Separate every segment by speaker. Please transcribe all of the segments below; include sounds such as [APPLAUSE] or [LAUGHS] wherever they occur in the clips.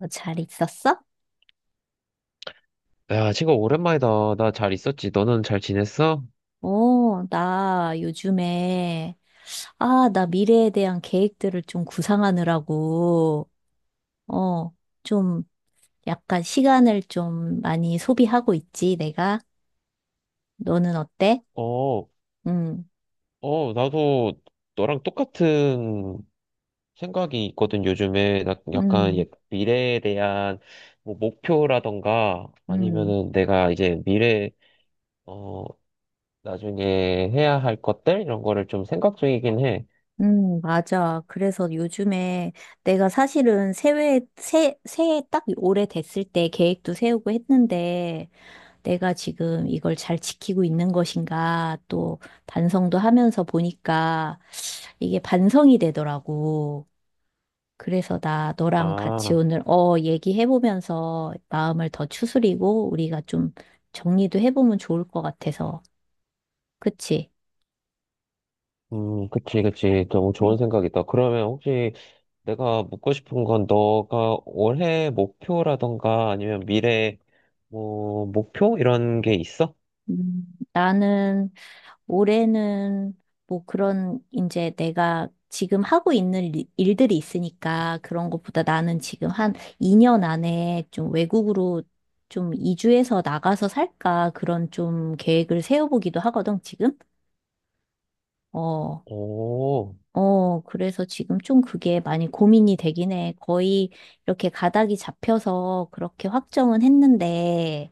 Speaker 1: 잘 있었어?
Speaker 2: 야, 친구, 오랜만이다. 나 잘 있었지? 너는 잘 지냈어?
Speaker 1: 오, 나 요즘에, 아, 나 미래에 대한 계획들을 좀 구상하느라고, 어, 좀 약간 시간을 좀 많이 소비하고 있지, 내가. 너는 어때?
Speaker 2: 어,
Speaker 1: 음,
Speaker 2: 나도 너랑 똑같은 생각이 있거든, 요즘에. 나 약간
Speaker 1: 음,
Speaker 2: 미래에 대한 뭐 목표라던가
Speaker 1: 음,
Speaker 2: 아니면은 내가 이제 어, 나중에 해야 할 것들? 이런 거를 좀 생각 중이긴 해.
Speaker 1: 맞아. 그래서 요즘에 내가 사실은 새해 딱 올해 됐을 때 계획도 세우고 했는데, 내가 지금 이걸 잘 지키고 있는 것인가 또 반성도 하면서 보니까 이게 반성이 되더라고. 그래서 나 너랑 같이
Speaker 2: 아,
Speaker 1: 오늘 얘기해보면서 마음을 더 추스리고 우리가 좀 정리도 해보면 좋을 것 같아서. 그치?
Speaker 2: 그치, 그치. 너무 좋은 생각이다. 그러면 혹시 내가 묻고 싶은 건 너가 올해 목표라던가 아니면 미래 뭐 목표 이런 게 있어?
Speaker 1: 음, 나는 올해는 뭐 그런 이제 내가 지금 하고 있는 일들이 있으니까 그런 것보다 나는 지금 한 2년 안에 좀 외국으로 좀 이주해서 나가서 살까 그런 좀 계획을 세워보기도 하거든, 지금. 어.
Speaker 2: 오,
Speaker 1: 어, 그래서 지금 좀 그게 많이 고민이 되긴 해. 거의 이렇게 가닥이 잡혀서 그렇게 확정은 했는데,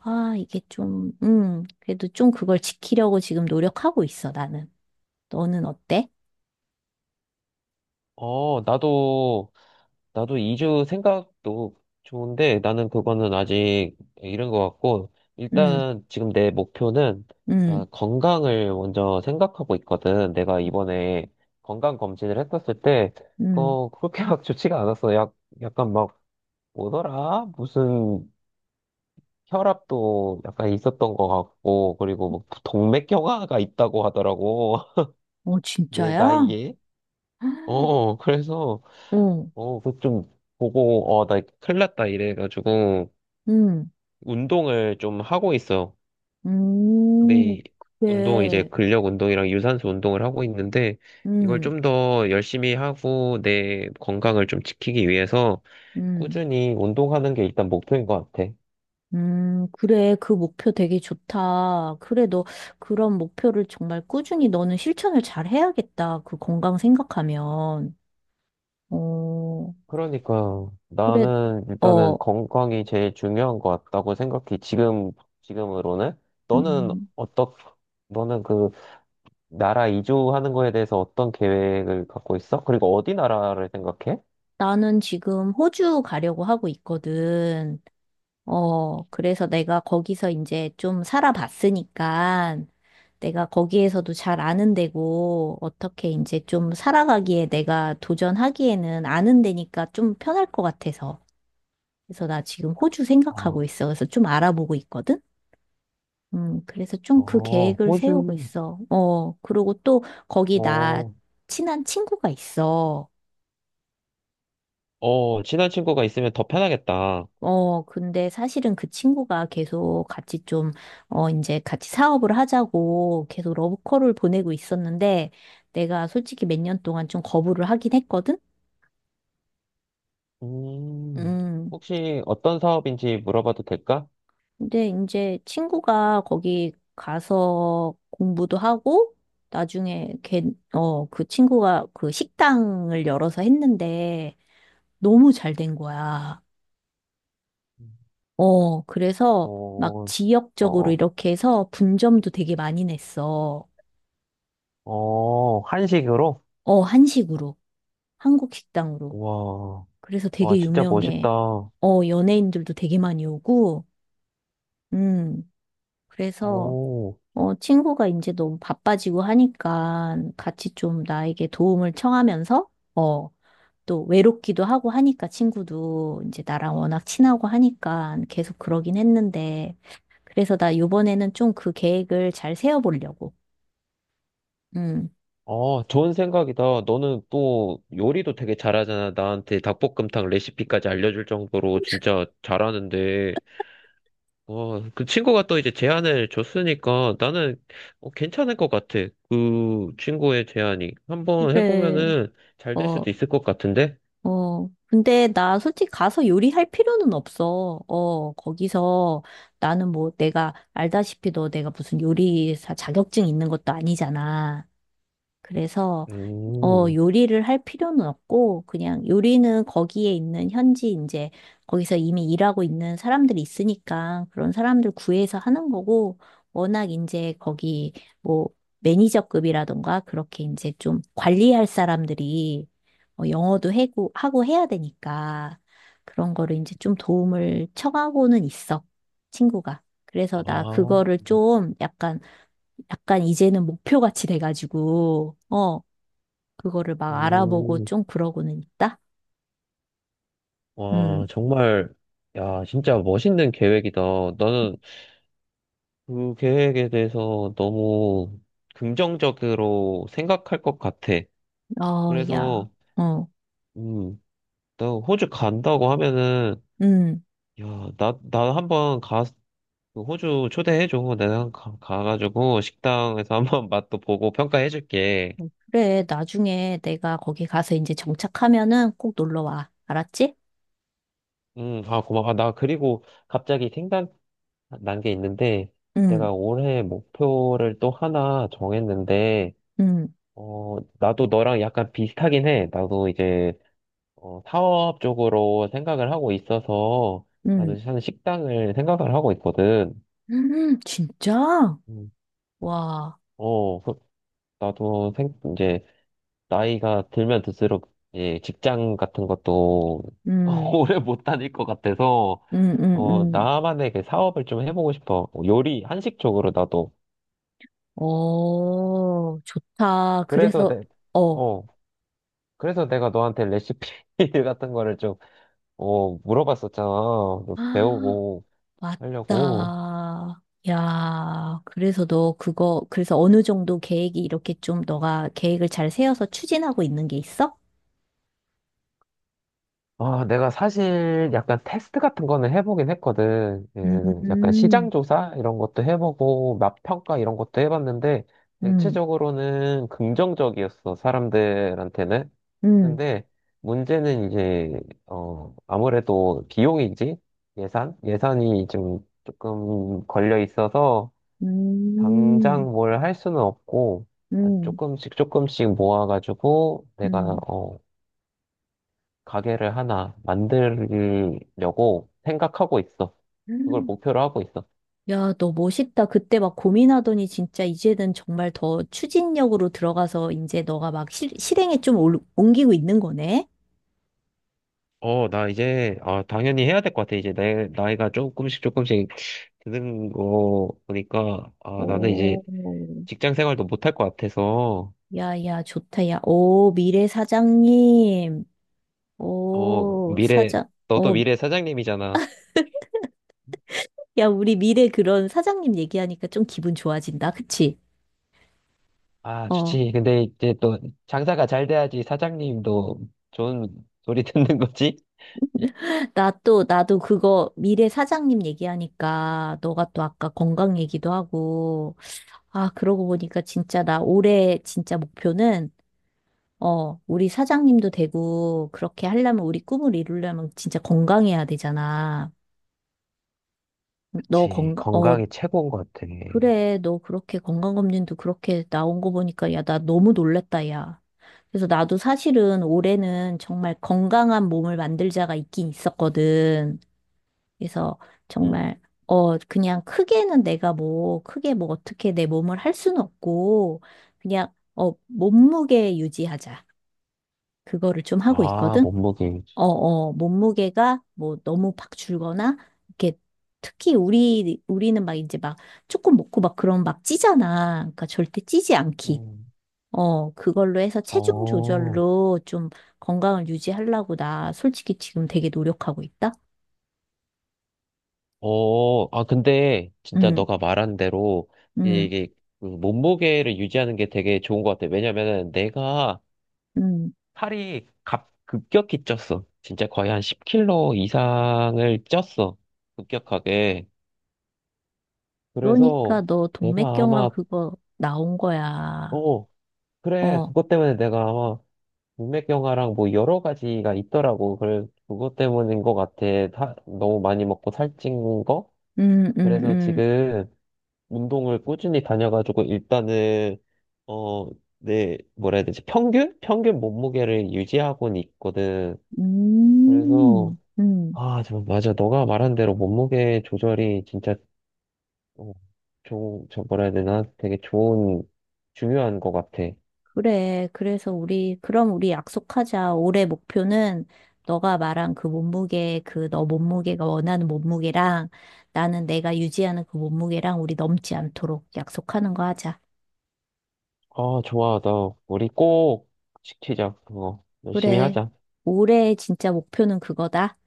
Speaker 1: 그래도 좀 그걸 지키려고 지금 노력하고 있어, 나는. 너는 어때?
Speaker 2: 어, 나도 나도 이주 생각도 좋은데 나는 그거는 아직 이른 것 같고
Speaker 1: 음.
Speaker 2: 일단 지금 내 목표는
Speaker 1: 음,
Speaker 2: 나 건강을 먼저 생각하고 있거든. 내가 이번에 건강 검진을 했었을 때
Speaker 1: 음.
Speaker 2: 그렇게 막 좋지가 않았어. 약 약간 막 뭐더라? 무슨 혈압도 약간 있었던 것 같고, 그리고 뭐 동맥경화가 있다고 하더라고.
Speaker 1: 어,
Speaker 2: [LAUGHS] 내
Speaker 1: 진짜야?
Speaker 2: 나이에.
Speaker 1: [GASPS]
Speaker 2: 그래서,
Speaker 1: 어,
Speaker 2: 그 좀 보고, 나 큰일 났다 이래가지고,
Speaker 1: 음,
Speaker 2: 운동을 좀 하고 있어.
Speaker 1: 음,
Speaker 2: 내 이제
Speaker 1: 그래,
Speaker 2: 근력 운동이랑 유산소 운동을 하고 있는데, 이걸
Speaker 1: 음,
Speaker 2: 좀 더 열심히 하고, 내 건강을 좀 지키기 위해서,
Speaker 1: 음,
Speaker 2: 꾸준히 운동하는 게 일단 목표인 것 같아.
Speaker 1: 그래, 그 목표 되게 좋다. 그래, 너 그런 목표를 정말 꾸준히 너는 실천을 잘 해야겠다. 그 건강 생각하면. 어,
Speaker 2: 그러니까
Speaker 1: 그래.
Speaker 2: 나는
Speaker 1: 어,
Speaker 2: 일단은 건강이 제일 중요한 것 같다고 생각해. 지금, 지금으로는. 너는
Speaker 1: 음,
Speaker 2: 어떻, 너는 그 나라 이주하는 거에 대해서 어떤 계획을 갖고 있어? 그리고 어디 나라를 생각해?
Speaker 1: 나는 지금 호주 가려고 하고 있거든. 어, 그래서 내가 거기서 이제 좀 살아봤으니까 내가 거기에서도 잘 아는 데고 어떻게 이제 좀 살아가기에 내가 도전하기에는 아는 데니까 좀 편할 것 같아서. 그래서 나 지금 호주
Speaker 2: 아,
Speaker 1: 생각하고 있어. 그래서 좀 알아보고 있거든? 그래서 좀 그 계획을 세우고
Speaker 2: 호주.
Speaker 1: 있어. 어, 그리고 또 거기 나
Speaker 2: 어,
Speaker 1: 친한 친구가 있어.
Speaker 2: 친한 친구가 있으면 더 편하겠다.
Speaker 1: 근데 사실은 그 친구가 계속 같이 좀, 어, 이제 같이 사업을 하자고 계속 러브콜을 보내고 있었는데, 내가 솔직히 몇 년 동안 좀 거부를 하긴 했거든?
Speaker 2: 음,
Speaker 1: 음.
Speaker 2: 혹시 어떤 사업인지 물어봐도 될까?
Speaker 1: 근데 이제 친구가 거기 가서 공부도 하고, 나중에 걔, 어, 그 친구가 그 식당을 열어서 했는데, 너무 잘 된 거야. 어,
Speaker 2: 어,
Speaker 1: 그래서 막
Speaker 2: 어,
Speaker 1: 지역적으로
Speaker 2: 어,
Speaker 1: 이렇게 해서 분점도 되게 많이 냈어.
Speaker 2: 어, 한식으로?
Speaker 1: 어, 한식으로. 한국 식당으로.
Speaker 2: 와,
Speaker 1: 그래서
Speaker 2: 와,
Speaker 1: 되게
Speaker 2: 진짜
Speaker 1: 유명해.
Speaker 2: 멋있다.
Speaker 1: 어, 연예인들도 되게 많이 오고, 음, 그래서,
Speaker 2: 오,
Speaker 1: 어, 친구가 이제 너무 바빠지고 하니까 같이 좀 나에게 도움을 청하면서, 어, 또 외롭기도 하고 하니까 친구도 이제 나랑 워낙 친하고 하니까 계속 그러긴 했는데, 그래서 나 요번에는 좀 그 계획을 잘 세워보려고. 음.
Speaker 2: 아, 좋은 생각이다. 너는 또 요리도 되게 잘하잖아. 나한테 닭볶음탕 레시피까지 알려줄 정도로 진짜 잘하는데, 와, 그 친구가 또 이제 제안을 줬으니까 나는 괜찮을 것 같아. 그 친구의 제안이. 한번
Speaker 1: 그래,
Speaker 2: 해보면은 잘 될
Speaker 1: 어,
Speaker 2: 수도 있을 것 같은데?
Speaker 1: 근데 나 솔직히 가서 요리할 필요는 없어. 어, 거기서 나는 뭐 내가 알다시피 너 내가 무슨 요리사 자격증 있는 것도 아니잖아. 그래서 어,
Speaker 2: 음,
Speaker 1: 요리를 할 필요는 없고, 그냥 요리는 거기에 있는 현지, 이제, 거기서 이미 일하고 있는 사람들이 있으니까, 그런 사람들 구해서 하는 거고, 워낙 이제 거기, 뭐, 매니저급이라던가, 그렇게 이제 좀 관리할 사람들이, 어, 영어도 해고, 하고 해야 되니까, 그런 거를 이제 좀 도움을 청하고는 있어, 친구가.
Speaker 2: 아,
Speaker 1: 그래서 나 그거를
Speaker 2: 뭐,
Speaker 1: 좀 약간, 약간 이제는 목표같이 돼가지고, 어, 그거를 막 알아보고
Speaker 2: 음,
Speaker 1: 좀 그러고는 있다? 음,
Speaker 2: 와, 정말, 야, 진짜 멋있는 계획이다. 나는 그 계획에 대해서 너무 긍정적으로 생각할 것 같아.
Speaker 1: 어, 야.
Speaker 2: 그래서,
Speaker 1: 어,
Speaker 2: 음, 나 호주 간다고 하면은,
Speaker 1: 음.
Speaker 2: 야, 나 그 호주 초대해줘. 내가 가가지고 식당에서 [LAUGHS] 한번 맛도 보고 평가해줄게.
Speaker 1: 어, 그래, 나중에 내가 거기 가서 이제 정착하면은 꼭 놀러 와. 알았지?
Speaker 2: 아, 고마워. 아, 나 그리고 갑자기 생각난 게 있는데,
Speaker 1: 응.
Speaker 2: 내가 올해 목표를 또 하나 정했는데,
Speaker 1: 응
Speaker 2: 나도 너랑 약간 비슷하긴 해. 나도 이제 사업 쪽으로 생각을 하고 있어서
Speaker 1: 응
Speaker 2: 나도 사실 식당을 생각을 하고 있거든.
Speaker 1: [LAUGHS] 진짜?
Speaker 2: 음.
Speaker 1: 와.
Speaker 2: 어, 그- 나도 이제 나이가 들면 들수록 이제 직장 같은 것도 [LAUGHS]
Speaker 1: 음,
Speaker 2: 오래 못 다닐 것 같아서
Speaker 1: 음, 음, 음.
Speaker 2: 나만의 그 사업을 좀 해보고 싶어. 요리, 한식 쪽으로 나도.
Speaker 1: 어, 좋다.
Speaker 2: 그래서
Speaker 1: 그래서,
Speaker 2: 내,
Speaker 1: 어.
Speaker 2: 어, 그래서 내가 너한테 레시피 [LAUGHS] 같은 거를 좀, 물어봤었잖아.
Speaker 1: 아,
Speaker 2: 배우고 하려고.
Speaker 1: 맞다. 야, 그래서 너 그거, 그래서 어느 정도 계획이 이렇게 좀 너가 계획을 잘 세워서 추진하고 있는 게 있어?
Speaker 2: 아, 내가 사실 약간 테스트 같은 거는 해보긴 했거든. 예, 약간
Speaker 1: 음,
Speaker 2: 시장 조사 이런 것도 해보고 맛 평가 이런 것도 해봤는데
Speaker 1: 음,
Speaker 2: 대체적으로는 긍정적이었어, 사람들한테는.
Speaker 1: 음,
Speaker 2: 근데 문제는 이제 아무래도 비용이지. 예산이 좀 조금 걸려 있어서 당장
Speaker 1: 음,
Speaker 2: 뭘 할 수는 없고, 아,
Speaker 1: 음,
Speaker 2: 조금씩 조금씩 모아가지고 내가 가게를 하나 만들려고 생각하고 있어. 그걸
Speaker 1: 음.
Speaker 2: 목표로 하고 있어.
Speaker 1: 야, 너 멋있다. 그때 막 고민하더니 진짜 이제는 정말 더 추진력으로 들어가서 이제 너가 막 실행에 좀 옮기고 있는 거네?
Speaker 2: 아, 당연히 해야 될 것 같아. 이제 내 나이가 조금씩 조금씩 드는 거 보니까, 아, 나는 이제
Speaker 1: 오,
Speaker 2: 직장 생활도 못할 것 같아서,
Speaker 1: 야, 야, 좋다. 야, 오, 미래 사장님.
Speaker 2: 어,
Speaker 1: 오,
Speaker 2: 미래,
Speaker 1: 사장.
Speaker 2: 너도
Speaker 1: 어,
Speaker 2: 미래 사장님이잖아.
Speaker 1: 야, 우리 미래 그런 사장님 얘기하니까 좀 기분 좋아진다. 그치?
Speaker 2: 아,
Speaker 1: 어,
Speaker 2: 좋지. 근데 이제 또 장사가 잘 돼야지 사장님도 좋은 소리 [LAUGHS] 듣는 거지?
Speaker 1: 나도 그거 미래 사장님 얘기하니까 너가 또 아까 건강 얘기도 하고, 아, 그러고 보니까 진짜 나 올해 진짜 목표는, 어, 우리 사장님도 되고, 그렇게 하려면 우리 꿈을 이루려면 진짜 건강해야 되잖아. 너
Speaker 2: 그치.
Speaker 1: 건강, 어,
Speaker 2: 건강이 최고인 것 같아.
Speaker 1: 그래, 너 그렇게 건강검진도 그렇게 나온 거 보니까, 야, 나 너무 놀랬다, 야. 그래서 나도 사실은 올해는 정말 건강한 몸을 만들자가 있긴 있었거든. 그래서
Speaker 2: 응.
Speaker 1: 정말, 어, 그냥 크게는 내가 뭐, 크게 뭐 어떻게 내 몸을 할 수는 없고, 그냥, 어, 몸무게 유지하자. 그거를 좀 하고
Speaker 2: 아,
Speaker 1: 있거든.
Speaker 2: 몸무게.
Speaker 1: 어, 어, 몸무게가 뭐 너무 팍 줄거나, 이렇게 특히 우리는 막 이제 막 조금 먹고 막 그런 막 찌잖아. 그러니까 절대 찌지 않기.
Speaker 2: 음.
Speaker 1: 어, 그걸로 해서 체중
Speaker 2: 어,
Speaker 1: 조절로 좀 건강을 유지하려고 나 솔직히 지금 되게 노력하고 있다.
Speaker 2: 아, 근데 진짜
Speaker 1: 응,
Speaker 2: 너가 말한 대로
Speaker 1: 응,
Speaker 2: 이게 그 몸무게를 유지하는 게 되게 좋은 것 같아. 왜냐면은 내가
Speaker 1: 응.
Speaker 2: 살이 급격히 쪘어. 진짜 거의 한 10kg 이상을 쪘어. 급격하게.
Speaker 1: 그러니까
Speaker 2: 그래서
Speaker 1: 너
Speaker 2: 내가
Speaker 1: 동맥경화
Speaker 2: 아마,
Speaker 1: 그거 나온 거야.
Speaker 2: 어, 그래.
Speaker 1: 어,
Speaker 2: 그것 때문에 내가 아마 동맥경화랑 뭐 여러 가지가 있더라고. 그래, 그것 때문인 것 같아. 다, 너무 많이 먹고 살찐 거?
Speaker 1: 응, 응,
Speaker 2: 그래서
Speaker 1: 응.
Speaker 2: 지금 운동을 꾸준히 다녀가지고 일단은 어, 내 뭐라 해야 되지? 평균? 평균 몸무게를 유지하고는 있거든. 그래서
Speaker 1: 음, 음.
Speaker 2: 아, 저 맞아. 너가 말한 대로 몸무게 조절이 진짜 어, 좋은 저 뭐라 해야 되나? 되게 좋은 중요한 것 같아.
Speaker 1: 그래. 그래서 우리, 그럼 우리 약속하자. 올해 목표는 너가 말한 그 몸무게, 그 너 몸무게가 원하는 몸무게랑 나는 내가 유지하는 그 몸무게랑 우리 넘지 않도록 약속하는 거 하자.
Speaker 2: 아, 좋아. 나 우리 꼭 지키자. 그거 열심히
Speaker 1: 그래.
Speaker 2: 하자.
Speaker 1: 올해 진짜 목표는 그거다.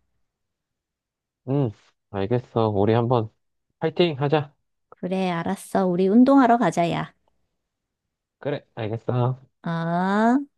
Speaker 2: 응, 알겠어. 우리 한번 파이팅 하자.
Speaker 1: 그래, 알았어. 우리 운동하러 가자, 야.
Speaker 2: 그래, 알겠어.
Speaker 1: 아.